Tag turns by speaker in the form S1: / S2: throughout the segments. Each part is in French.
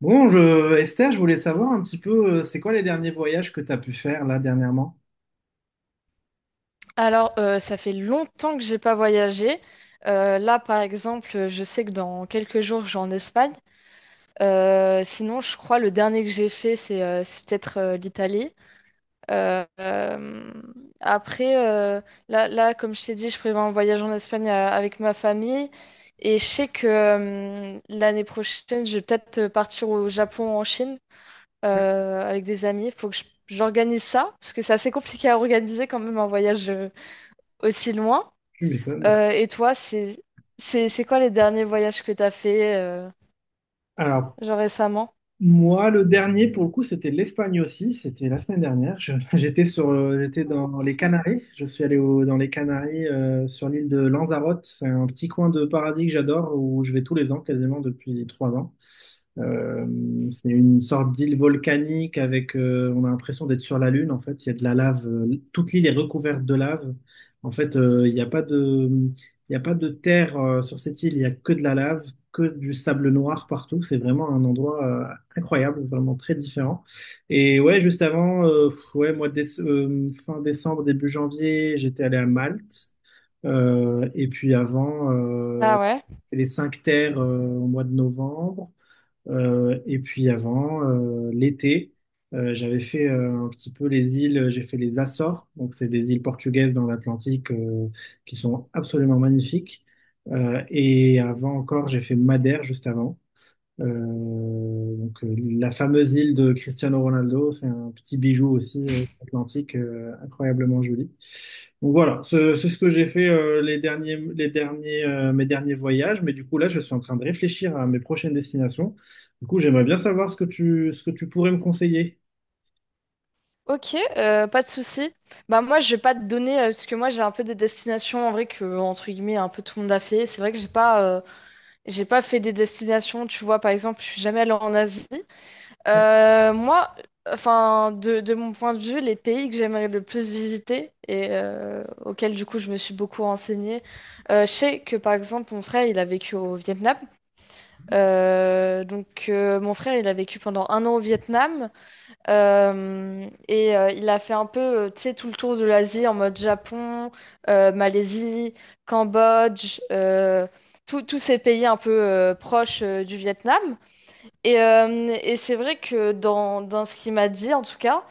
S1: Bon, Esther, je voulais savoir un petit peu, c'est quoi les derniers voyages que tu as pu faire là dernièrement?
S2: Ça fait longtemps que j'ai pas voyagé. Là, par exemple, je sais que dans quelques jours, je vais en Espagne. Sinon, je crois le dernier que j'ai fait, c'est peut-être l'Italie. Euh, euh, après, euh, là, comme je t'ai dit, je prévois un voyage en Espagne avec ma famille. Et je sais que l'année prochaine, je vais peut-être partir au Japon, en Chine, avec des amis. Il faut que j'organise ça, parce que c'est assez compliqué à organiser quand même un voyage aussi loin.
S1: Tu m'étonnes.
S2: Et toi, c'est quoi les derniers voyages que t'as fait
S1: Alors,
S2: genre récemment?
S1: moi, le dernier, pour le coup, c'était l'Espagne aussi. C'était la semaine dernière. J'étais dans les Canaries. Je suis allé dans les Canaries, sur l'île de Lanzarote. C'est un petit coin de paradis que j'adore, où je vais tous les ans, quasiment depuis 3 ans. Euh, c'est une sorte d'île volcanique avec, on a l'impression d'être sur la Lune. En fait, il y a de la lave. Toute l'île est recouverte de lave. En fait, il n'y a pas de terre, sur cette île. Il n'y a que de la lave, que du sable noir partout. C'est vraiment un endroit, incroyable, vraiment très différent. Et ouais, juste avant, ouais, mois de fin décembre, début janvier, j'étais allé à Malte. Et puis avant,
S2: Ah ouais.
S1: les cinq terres au mois de novembre. Et puis avant, l'été, j'avais fait un petit peu les îles, j'ai fait les Açores. Donc c'est des îles portugaises dans l'Atlantique qui sont absolument magnifiques. Et avant encore, j'ai fait Madère juste avant. Donc, la fameuse île de Cristiano Ronaldo, c'est un petit bijou aussi atlantique, incroyablement joli. Donc voilà, c'est ce que j'ai fait mes derniers voyages, mais du coup là, je suis en train de réfléchir à mes prochaines destinations. Du coup, j'aimerais bien savoir ce que tu pourrais me conseiller.
S2: Ok, pas de souci. Bah moi, je vais pas te donner parce que moi j'ai un peu des destinations en vrai que entre guillemets un peu tout le monde a fait. C'est vrai que j'ai pas fait des destinations. Tu vois, par exemple, je suis jamais allée en Asie. Euh, moi, enfin de mon point de vue, les pays que j'aimerais le plus visiter et auxquels du coup je me suis beaucoup renseignée. Je sais que par exemple mon frère il a vécu au Vietnam. Mon frère, il a vécu pendant un an au Vietnam il a fait un peu, tu sais, tout le tour de l'Asie en mode Japon, Malaisie, Cambodge, tous ces pays un peu proches du Vietnam. Et c'est vrai que dans ce qu'il m'a dit, en tout cas,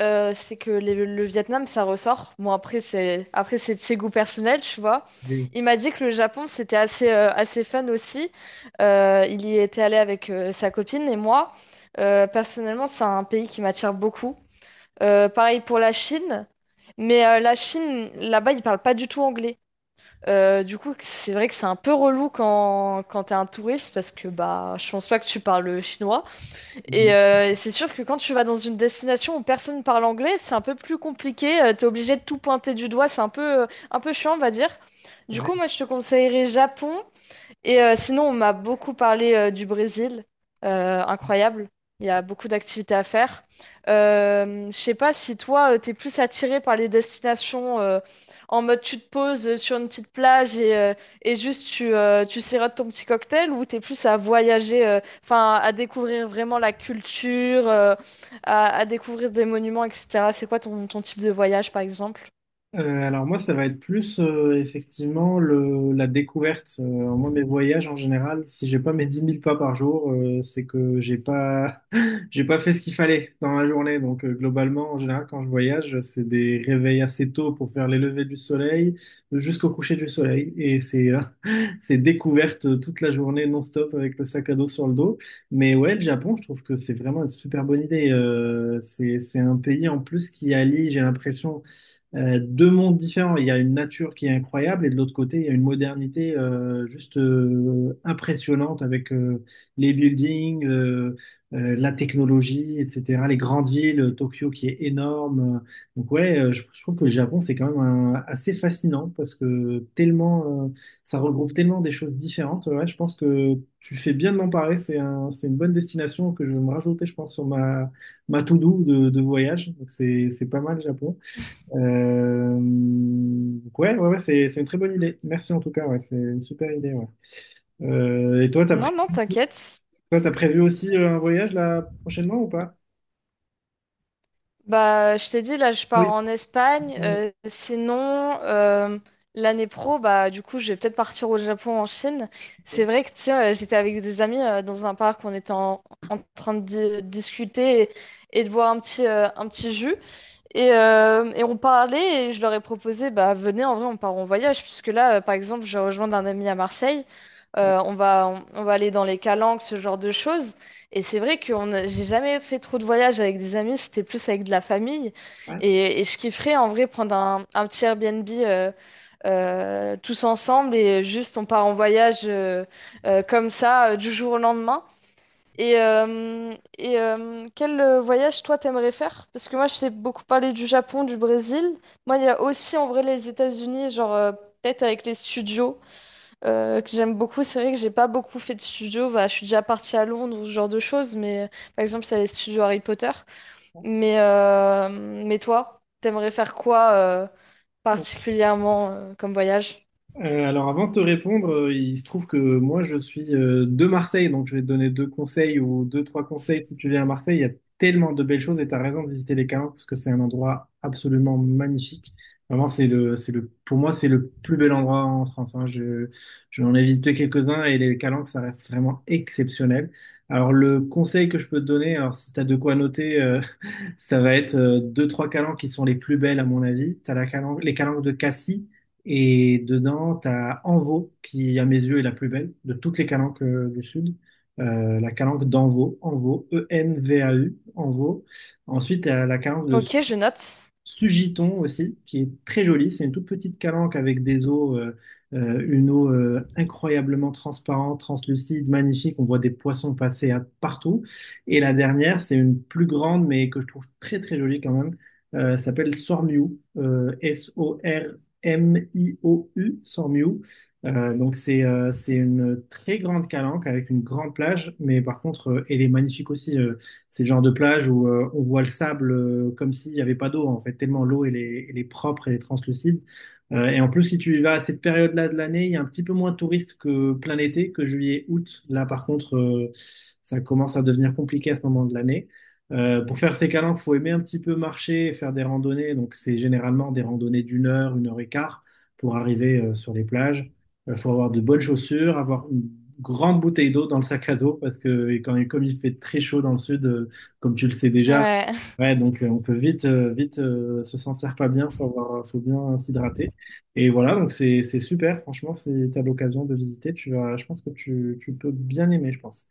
S2: c'est que le Vietnam, ça ressort. Bon, après, c'est de ses goûts personnels, tu vois.
S1: Oui.
S2: Il m'a dit que le Japon, c'était assez, assez fun aussi. Il y était allé avec sa copine et moi. Personnellement, c'est un pays qui m'attire beaucoup. Pareil pour la Chine. Mais la Chine, là-bas, ils parlent pas du tout anglais. Du coup, c'est vrai que c'est un peu relou quand t'es un touriste parce que bah, je pense pas que tu parles chinois. C'est sûr que quand tu vas dans une destination où personne parle anglais, c'est un peu plus compliqué. T'es obligé de tout pointer du doigt. C'est un peu chiant, on va dire. Du
S1: Ouais.
S2: coup, moi, je te conseillerais Japon et sinon, on m'a beaucoup parlé du Brésil. Incroyable. Il y a beaucoup d'activités à faire. Je sais pas si toi, tu t'es plus attiré par les destinations en mode tu te poses sur une petite plage et juste tu sirotes ton petit cocktail ou t'es plus à voyager, enfin à découvrir vraiment la culture, à découvrir des monuments, etc. C'est quoi ton type de voyage, par exemple?
S1: Alors moi, ça va être plus effectivement la découverte. Moi, mes voyages en général, si j'ai pas mes 10 000 pas par jour, c'est que j'ai pas j'ai pas fait ce qu'il fallait dans la journée. Donc globalement, en général, quand je voyage, c'est des réveils assez tôt pour faire les levées du soleil jusqu'au coucher du soleil, et c'est c'est découverte toute la journée non-stop avec le sac à dos sur le dos. Mais ouais, le Japon, je trouve que c'est vraiment une super bonne idée. C'est un pays en plus qui allie, j'ai l'impression deux mondes différents. Il y a une nature qui est incroyable et de l'autre côté, il y a une modernité juste impressionnante avec les buildings, la technologie, etc. Les grandes villes, Tokyo qui est énorme. Donc ouais, je trouve que le Japon, c'est quand même assez fascinant parce que tellement, ça regroupe tellement des choses différentes. Ouais, je pense que tu fais bien de m'en parler. C'est une bonne destination que je vais me rajouter, je pense, sur ma to-do de voyage. Donc c'est pas mal, le Japon. Donc ouais, ouais, ouais, c'est une très bonne idée. Merci en tout cas, ouais, c'est une super idée. Ouais. Et toi,
S2: Non, non, t'inquiète.
S1: toi, t'as prévu aussi un voyage là prochainement ou pas?
S2: Bah, je t'ai dit, là, je
S1: Ah oui.
S2: pars en Espagne.
S1: Ouais,
S2: L'année pro, bah, du coup, je vais peut-être partir au Japon, en Chine. C'est vrai que, tiens, j'étais avec des amis dans un parc, en train de discuter et de boire un petit jus. Et on parlait et je leur ai proposé, bah venez, en vrai, on part en voyage, puisque là, par exemple, je rejoins un ami à Marseille. On va aller dans les calanques, ce genre de choses. Et c'est vrai que j'ai jamais fait trop de voyages avec des amis, c'était plus avec de la famille.
S1: ouais,
S2: Et je kifferais en vrai prendre un petit Airbnb tous ensemble et juste on part en voyage comme ça du jour au lendemain. Et quel voyage toi t'aimerais faire? Parce que moi je t'ai beaucoup parlé du Japon, du Brésil. Moi il y a aussi en vrai les États-Unis, genre peut-être avec les studios que j'aime beaucoup. C'est vrai que j'ai pas beaucoup fait de studios. Bah, je suis déjà partie à Londres ou ce genre de choses, mais par exemple il y a les studios Harry Potter. Mais, euh, mais toi, t'aimerais faire quoi
S1: ouais.
S2: particulièrement comme voyage?
S1: Alors avant de te répondre, il se trouve que moi je suis de Marseille, donc je vais te donner deux conseils ou deux, trois conseils si tu viens à Marseille. Il y a tellement de belles choses et tu as raison de visiter les Calanques parce que c'est un endroit absolument magnifique. Vraiment, pour moi, c'est le plus bel endroit en France, hein. J'en ai visité quelques-uns et les Calanques, ça reste vraiment exceptionnel. Alors le conseil que je peux te donner, alors si tu as de quoi noter, ça va être deux, trois calanques qui sont les plus belles à mon avis. T'as les calanques de Cassis et dedans, t'as Anvaux qui, à mes yeux, est la plus belle de toutes les calanques du Sud. La calanque d'Anvaux, Anvaux, E-N-V-A-U, Anvaux. Ensuite, t'as la calanque de
S2: Ok, je note.
S1: Sugiton aussi, qui est très jolie. C'est une toute petite calanque avec une eau incroyablement transparente, translucide, magnifique. On voit des poissons passer partout. Et la dernière, c'est une plus grande, mais que je trouve très très jolie quand même. Ça s'appelle Sormiou, S-O-R-M-I-O-U, Sormiou. Donc c'est une très grande calanque avec une grande plage, mais par contre, elle est magnifique aussi. C'est le genre de plage où on voit le sable comme s'il n'y avait pas d'eau, en fait, tellement l'eau, elle est propre, elle est translucide. Et en plus, si tu y vas à cette période-là de l'année, il y a un petit peu moins de touristes que plein été, que juillet, août. Là, par contre, ça commence à devenir compliqué à ce moment de l'année. Pour faire ces calanques, il faut aimer un petit peu marcher et faire des randonnées. Donc, c'est généralement des randonnées d'une heure, une heure et quart pour arriver sur les plages. Il faut avoir de bonnes chaussures, avoir une grande bouteille d'eau dans le sac à dos parce que et quand, et comme il fait très chaud dans le sud, comme tu le sais déjà,
S2: Ouais.
S1: ouais, donc on peut vite, se sentir pas bien, faut bien s'hydrater. Et voilà, donc c'est super, franchement, si tu l'occasion de visiter, je pense que tu peux bien aimer, je pense.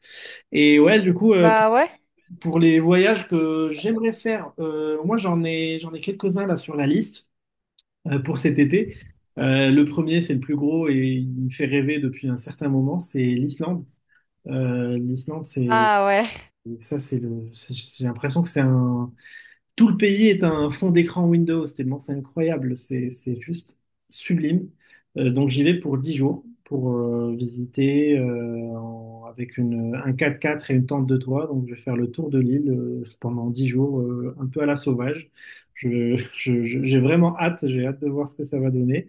S1: Et ouais, du coup,
S2: Bah ouais.
S1: pour les voyages que j'aimerais faire, moi j'en ai quelques-uns là sur la liste pour cet été. Le premier, c'est le plus gros et il me fait rêver depuis un certain moment, c'est l'Islande. L'Islande, c'est
S2: Ah ouais.
S1: ça, c'est le. C'est- j'ai l'impression que c'est un. Tout le pays est un fond d'écran Windows, tellement c'est incroyable, c'est juste sublime. Donc j'y vais pour 10 jours pour visiter avec un quatre-quatre et une tente de toit. Donc je vais faire le tour de l'île pendant 10 jours, un peu à la sauvage. J'ai vraiment hâte, j'ai hâte de voir ce que ça va donner.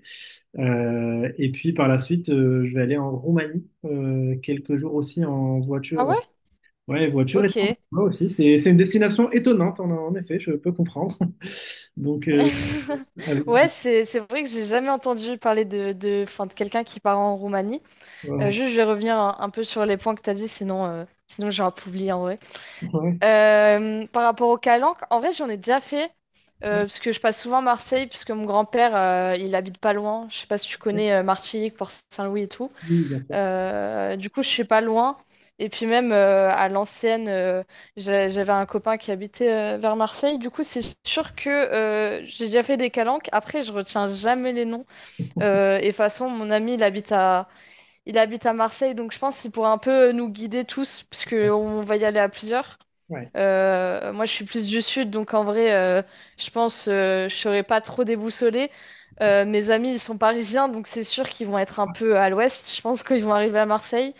S1: Et puis par la suite, je vais aller en Roumanie quelques jours aussi en
S2: Ah
S1: voiture.
S2: ouais?
S1: Ouais, voiture et temps,
S2: Ok.
S1: moi aussi, c'est une destination étonnante, en effet, je peux comprendre. Donc, avec-
S2: Ouais, c'est vrai que j'ai jamais entendu parler enfin, de quelqu'un qui part en Roumanie.
S1: ouais,
S2: Juste, je vais revenir un peu sur les points que tu as dit, sinon, sinon j'ai un peu oublié en vrai.
S1: ouais.
S2: Par rapport au Calanque, en vrai, j'en ai déjà fait, parce que je passe souvent Marseille, puisque mon grand-père, il habite pas loin. Je sais pas si tu
S1: Ouais,
S2: connais Martigues, Port-Saint-Louis et tout.
S1: oui, bien sûr.
S2: Du coup, je suis pas loin. Et puis même à l'ancienne, j'avais un copain qui habitait vers Marseille. Du coup, c'est sûr que j'ai déjà fait des calanques. Après, je retiens jamais les noms. Et de toute façon, mon ami, il habite à Marseille, donc je pense qu'il pourra un peu nous guider tous, parce que on va y aller à plusieurs.
S1: Ouais.
S2: Moi, je suis plus du sud, donc en vrai, je pense je serai pas trop déboussolée. Mes amis, ils sont parisiens, donc c'est sûr qu'ils vont être un peu à l'ouest. Je pense qu'ils vont arriver à Marseille.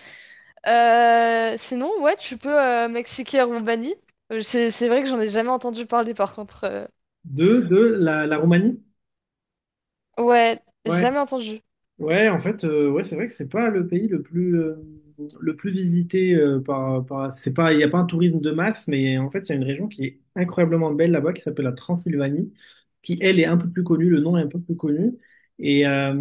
S2: Sinon, ouais, tu peux Mexique et Roumanie. C'est vrai que j'en ai jamais entendu parler par contre.
S1: De la Roumanie?
S2: Ouais,
S1: Ouais.
S2: jamais entendu.
S1: Ouais, en fait, ouais, c'est vrai que c'est pas le pays le plus visité par par c'est pas il y a pas un tourisme de masse, mais en fait il y a une région qui est incroyablement belle là-bas qui s'appelle la Transylvanie, qui elle est un peu plus connue, le nom est un peu plus connu et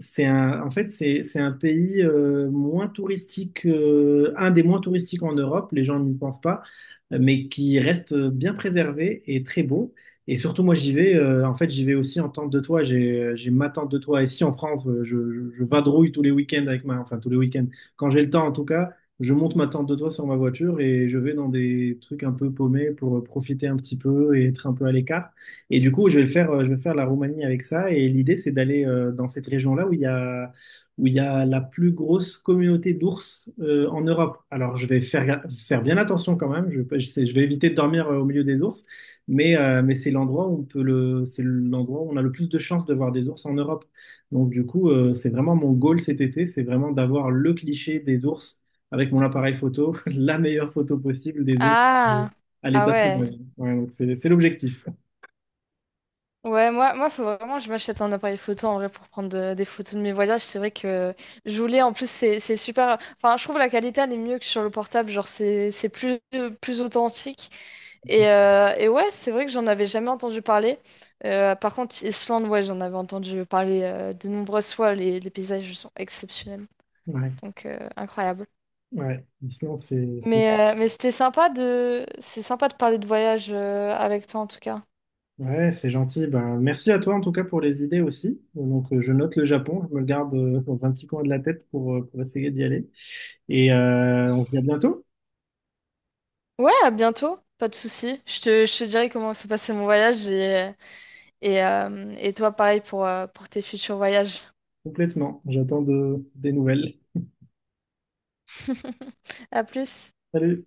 S1: c'est un en fait, c'est un pays moins touristique, un des moins touristiques en Europe, les gens n'y pensent pas, mais qui reste bien préservé et très beau. Et surtout, moi, j'y vais. En fait, j'y vais aussi en tente de toit. J'ai ma tente de toit ici en France. Je vadrouille tous les week-ends avec enfin tous les week-ends. Quand j'ai le temps, en tout cas, je monte ma tente de toit sur ma voiture et je vais dans des trucs un peu paumés pour profiter un petit peu et être un peu à l'écart. Et du coup, je vais faire la Roumanie avec ça. Et l'idée, c'est d'aller dans cette région-là où il y a la plus grosse communauté d'ours en Europe. Alors, je vais faire bien attention quand même. Je vais éviter de dormir au milieu des ours. Mais c'est l'endroit où on a le plus de chances de voir des ours en Europe. Donc du coup, c'est vraiment mon goal cet été, c'est vraiment d'avoir le cliché des ours avec mon appareil photo, la meilleure photo possible des ours euh,
S2: Ah,
S1: à
S2: ah
S1: l'état
S2: ouais.
S1: sauvage. Ouais, donc c'est l'objectif.
S2: Moi, faut vraiment que je m'achète un appareil photo en vrai pour prendre des photos de mes voyages. C'est vrai que je voulais, en plus, c'est super. Enfin, je trouve la qualité elle est mieux que sur le portable. Genre, c'est plus authentique. Et ouais, c'est vrai que j'en avais jamais entendu parler. Par contre, Islande, ouais, j'en avais entendu parler de nombreuses fois. Les paysages sont exceptionnels,
S1: Ouais,
S2: donc incroyable.
S1: ouais. L'Islande,
S2: Mais c'est sympa de parler de voyage avec toi en tout cas.
S1: ouais, c'est gentil. Ben, merci à toi en tout cas pour les idées aussi. Donc je note le Japon, je me le garde dans un petit coin de la tête pour essayer d'y aller. Et on se dit à bientôt.
S2: Ouais, à bientôt, pas de souci. Je te dirai comment s'est passé mon voyage et toi pareil pour tes futurs voyages.
S1: Complètement. J'attends des nouvelles.
S2: À plus.
S1: Salut.